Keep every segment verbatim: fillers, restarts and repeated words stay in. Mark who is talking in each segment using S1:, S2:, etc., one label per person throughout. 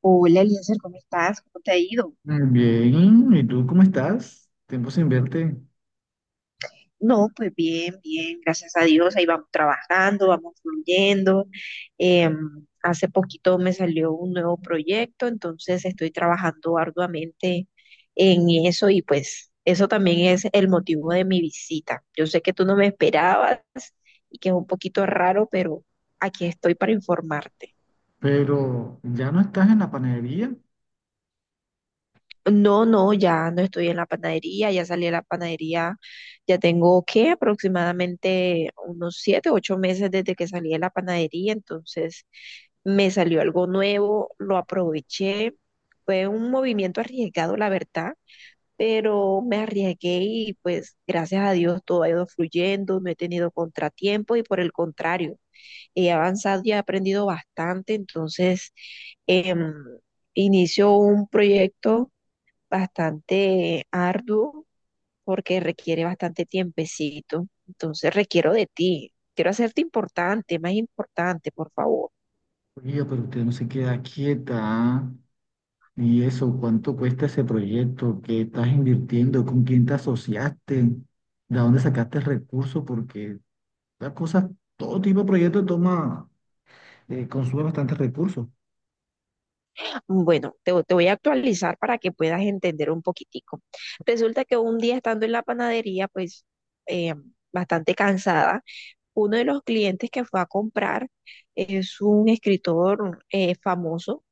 S1: Hola, Eliezer, ¿cómo estás? ¿Cómo te ha ido?
S2: Bien, ¿y tú cómo estás? Tiempo sin verte,
S1: No, pues bien, bien, gracias a Dios, ahí vamos trabajando, vamos fluyendo. Em, Hace poquito me salió un nuevo proyecto, entonces estoy trabajando arduamente en eso y pues eso también es el motivo de mi visita. Yo sé que tú no me esperabas y que es un poquito raro, pero aquí estoy para informarte.
S2: pero ya no estás en la panadería.
S1: No, no, ya no estoy en la panadería, ya salí de la panadería, ya tengo que aproximadamente unos siete, ocho meses desde que salí de la panadería, entonces me salió algo nuevo, lo aproveché, fue un movimiento arriesgado, la verdad, pero me arriesgué y pues gracias a Dios todo ha ido fluyendo, no he tenido contratiempo y por el contrario, he avanzado y he aprendido bastante, entonces em, inicio un proyecto bastante arduo porque requiere bastante tiempecito. Entonces requiero de ti. Quiero hacerte importante, más importante, por favor.
S2: Oiga, pero usted no se queda quieta. ¿Ah? ¿Y eso? ¿Cuánto cuesta ese proyecto? ¿Qué estás invirtiendo? ¿Con quién te asociaste? ¿De dónde sacaste el recurso? Porque las cosas, todo tipo de proyecto toma, eh, consume bastantes recursos.
S1: Bueno, te, te voy a actualizar para que puedas entender un poquitico. Resulta que un día estando en la panadería, pues eh, bastante cansada, uno de los clientes que fue a comprar es un escritor, eh, famoso,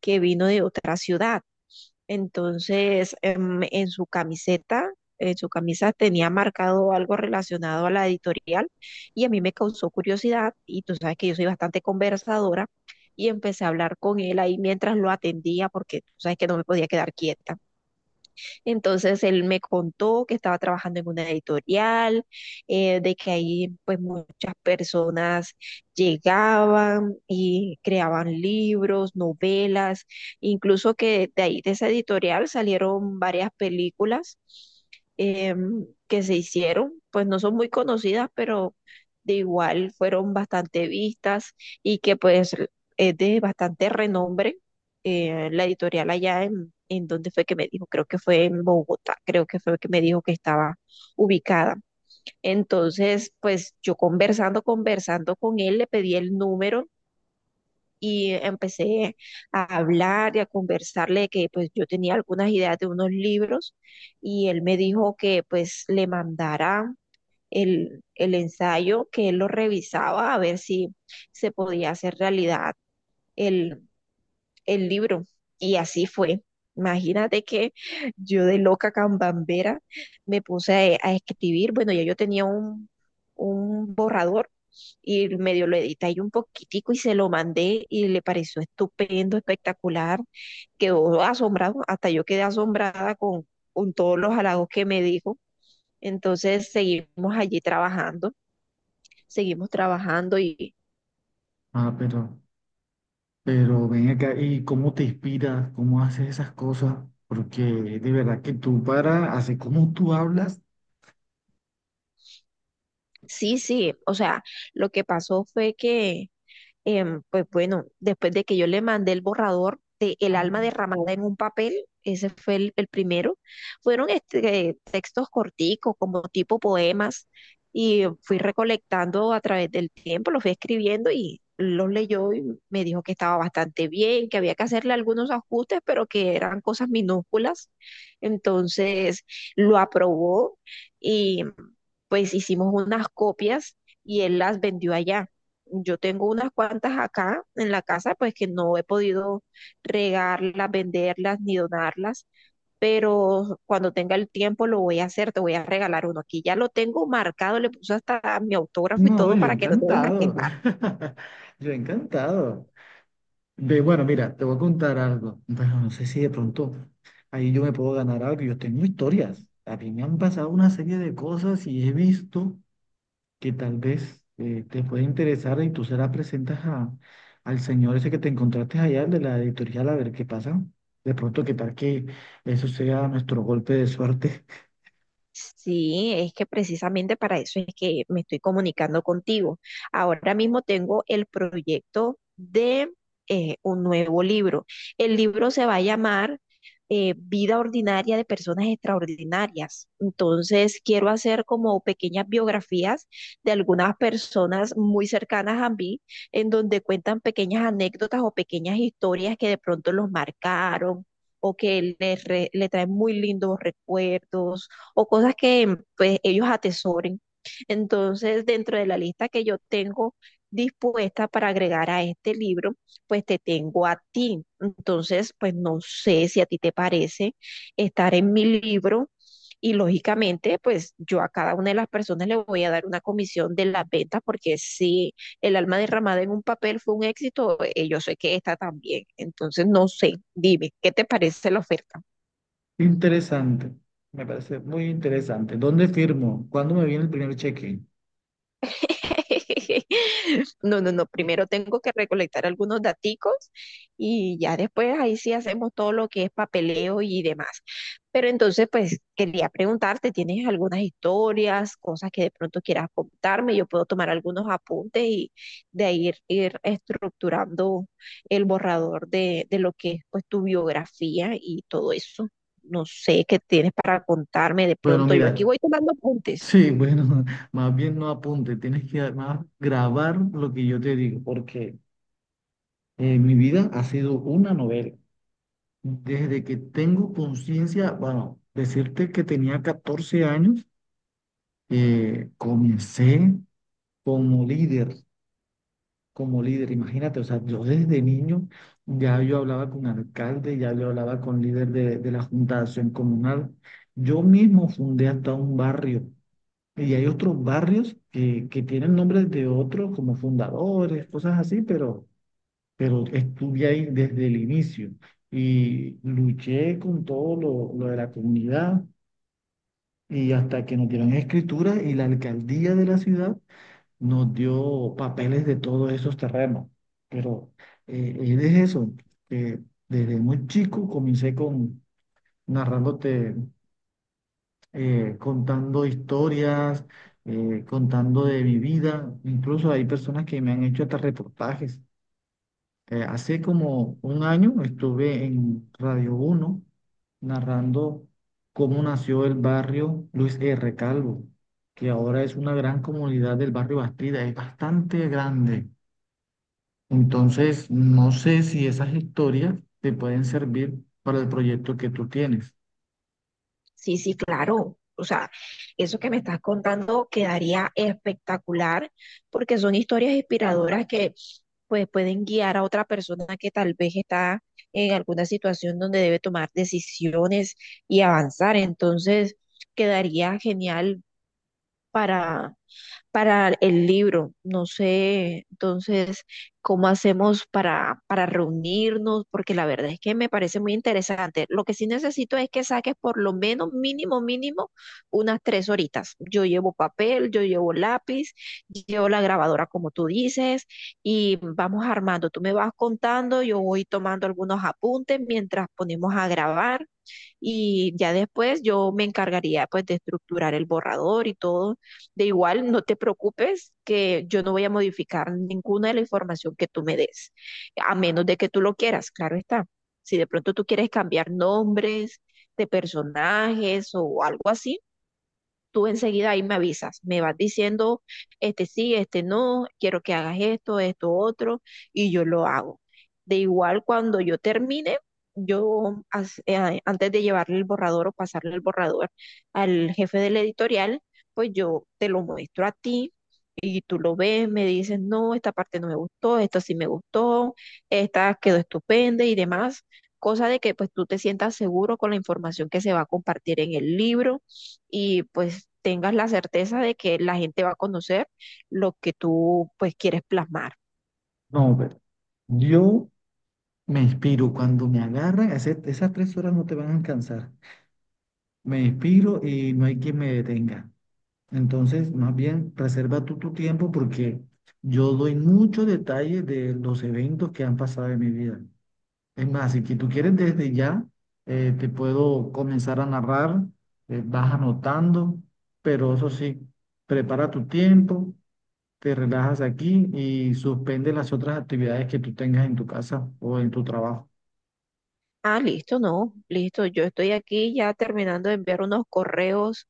S1: que vino de otra ciudad. Entonces, em, en su camiseta, en su camisa tenía marcado algo relacionado a la editorial y a mí me causó curiosidad y tú sabes que yo soy bastante conversadora y empecé a hablar con él ahí mientras lo atendía porque tú sabes que no me podía quedar quieta. Entonces él me contó que estaba trabajando en una editorial, eh, de que ahí pues muchas personas llegaban y creaban libros, novelas, incluso que de ahí, de esa editorial, salieron varias películas em, que se hicieron, pues no son muy conocidas, pero de igual fueron bastante vistas y que pues es de bastante renombre, eh, la editorial allá en, en dónde fue que me dijo, creo que fue en Bogotá, creo que fue que me dijo que estaba ubicada. Entonces, pues yo conversando, conversando con él, le pedí el número y empecé a hablar y a conversarle de que pues yo tenía algunas ideas de unos libros y él me dijo que pues le mandara el, el ensayo, que él lo revisaba a ver si se podía hacer realidad el, el libro. Y así fue. Imagínate que yo de loca cambambera me puse a, a escribir. Bueno, ya yo tenía un, un borrador y medio lo edité ahí un poquitico y se lo mandé y le pareció estupendo, espectacular. Quedó asombrado, hasta yo quedé asombrada con, con todos los halagos que me dijo. Entonces seguimos allí trabajando, seguimos trabajando y
S2: Ah, pero, pero ven acá, ¿y cómo te inspiras? ¿Cómo haces esas cosas? Porque de verdad que tú para, así como tú hablas,
S1: sí, sí, o sea, lo que pasó fue que Em, pues bueno, después de que yo le mandé el borrador de El alma derramada en un papel, ese fue el, el primero, fueron este, textos corticos, como tipo poemas, y fui recolectando a través del tiempo, los fui escribiendo y los leyó y me dijo que estaba bastante bien, que había que hacerle algunos ajustes, pero que eran cosas minúsculas. Entonces lo aprobó y pues hicimos unas copias y él las vendió allá. Yo tengo unas cuantas acá en la casa, pues que no he podido regarlas, venderlas ni donarlas, pero cuando tenga el tiempo lo voy a hacer, te voy a regalar uno. Aquí ya lo tengo marcado, le puse hasta mi autógrafo y
S2: no,
S1: todo
S2: yo
S1: para que no te vayas a
S2: encantado.
S1: quejar.
S2: Yo encantado. Ve, bueno, mira, te voy a contar algo. Bueno, no sé si de pronto ahí yo me puedo ganar algo. Yo tengo historias. A mí me han pasado una serie de cosas y he visto que tal vez eh, te puede interesar y tú se la presentas a, al señor ese que te encontraste allá, el de la editorial, a ver qué pasa. De pronto, qué tal que eso sea nuestro golpe de suerte.
S1: Sí, es que precisamente para eso es que me estoy comunicando contigo. Ahora mismo tengo el proyecto de eh, un nuevo libro. El libro se va a llamar eh, Vida Ordinaria de Personas Extraordinarias. Entonces, quiero hacer como pequeñas biografías de algunas personas muy cercanas a mí, en donde cuentan pequeñas anécdotas o pequeñas historias que de pronto los marcaron o que les, re- le traen muy lindos recuerdos o cosas que pues ellos atesoren. Entonces, dentro de la lista que yo tengo dispuesta para agregar a este libro, pues te tengo a ti. Entonces, pues no sé si a ti te parece estar en mi libro y lógicamente, pues yo a cada una de las personas le voy a dar una comisión de las ventas porque si el alma derramada en un papel fue un éxito, eh, yo sé que esta también. Entonces, no sé, dime, ¿qué te parece la oferta?
S2: Interesante. Me parece muy interesante. ¿Dónde firmo? ¿Cuándo me viene el primer cheque?
S1: No, no, no. Primero tengo que recolectar algunos daticos y ya después ahí sí hacemos todo lo que es papeleo y demás. Pero entonces, pues quería preguntarte, ¿tienes algunas historias, cosas que de pronto quieras contarme? Yo puedo tomar algunos apuntes y de ahí ir, ir estructurando el borrador de, de lo que es pues tu biografía y todo eso. No sé qué tienes para contarme de
S2: Bueno,
S1: pronto. Yo aquí
S2: mira,
S1: voy tomando apuntes.
S2: sí, bueno, más bien no apunte, tienes que además grabar lo que yo te digo, porque eh, mi vida ha sido una novela. Desde que tengo conciencia, bueno, decirte que tenía catorce años, eh, comencé como líder, como líder, imagínate, o sea, yo desde niño ya yo hablaba con alcalde, ya yo hablaba con líder de, de la Junta de Acción Comunal, yo mismo fundé hasta un barrio. Y hay otros barrios que, que tienen nombres de otros como fundadores, cosas así, pero, pero estuve ahí desde el inicio y luché con todo lo, lo de la comunidad y hasta que nos dieron escritura y la alcaldía de la ciudad nos dio papeles de todos esos terrenos. Pero eh, es eso, que desde muy chico comencé con narrándote, eh, contando historias, eh, contando de mi vida. Incluso hay personas que me han hecho hasta reportajes. Eh, hace como un año estuve en Radio Uno narrando cómo nació el barrio Luis ere. Calvo, que ahora es una gran comunidad del barrio Bastida, es bastante grande. Entonces, no sé si esas historias te pueden servir para el proyecto que tú tienes.
S1: Sí, sí, claro. O sea, eso que me estás contando quedaría espectacular porque son historias inspiradoras que pues pueden guiar a otra persona que tal vez está en alguna situación donde debe tomar decisiones y avanzar. Entonces, quedaría genial para para el libro. No sé, entonces, cómo hacemos para, para reunirnos, porque la verdad es que me parece muy interesante. Lo que sí necesito es que saques por lo menos mínimo, mínimo, unas tres horitas. Yo llevo papel, yo llevo lápiz, llevo la grabadora, como tú dices, y vamos armando. Tú me vas contando, yo voy tomando algunos apuntes mientras ponemos a grabar y ya después yo me encargaría pues de estructurar el borrador y todo. De igual, no te preocupes que yo no voy a modificar ninguna de la información que tú me des, a menos de que tú lo quieras, claro está. Si de pronto tú quieres cambiar nombres de personajes o algo así, tú enseguida ahí me avisas, me vas diciendo, este sí, este no, quiero que hagas esto, esto, otro, y yo lo hago. De igual, cuando yo termine, yo as- eh, antes de llevarle el borrador o pasarle el borrador al jefe del editorial, pues yo te lo muestro a ti y tú lo ves, me dices, no, esta parte no me gustó, esta sí me gustó, esta quedó estupenda y demás, cosa de que pues tú te sientas seguro con la información que se va a compartir en el libro y pues tengas la certeza de que la gente va a conocer lo que tú pues quieres plasmar.
S2: No, pero yo me inspiro, cuando me agarran, ese- esas tres horas no te van a cansar. Me inspiro y no hay quien me detenga. Entonces, más bien, reserva tú tu tiempo porque yo doy muchos detalles de los eventos que han pasado en mi vida. Es más, si que tú quieres desde ya, eh, te puedo comenzar a narrar, eh, vas anotando, pero eso sí, prepara tu tiempo, te relajas aquí y suspende las otras actividades que tú tengas en tu casa o en tu trabajo.
S1: Ah, listo, no, listo. Yo estoy aquí ya terminando de enviar unos correos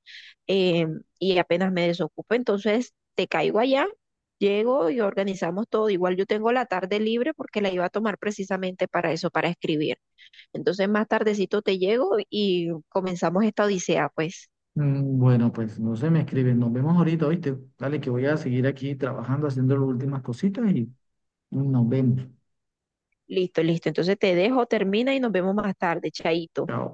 S1: eh, y apenas me desocupo, entonces te caigo allá, llego y organizamos todo. Igual yo tengo la tarde libre porque la iba a tomar precisamente para eso, para escribir. Entonces más tardecito te llego y comenzamos esta odisea, pues.
S2: Mm, Bueno, pues no se me escriben. Nos vemos ahorita, ¿oíste? Dale, que voy a seguir aquí trabajando, haciendo las últimas cositas y nos vemos.
S1: Listo, listo. Entonces te dejo, termina y nos vemos más tarde, chaito.
S2: Chao.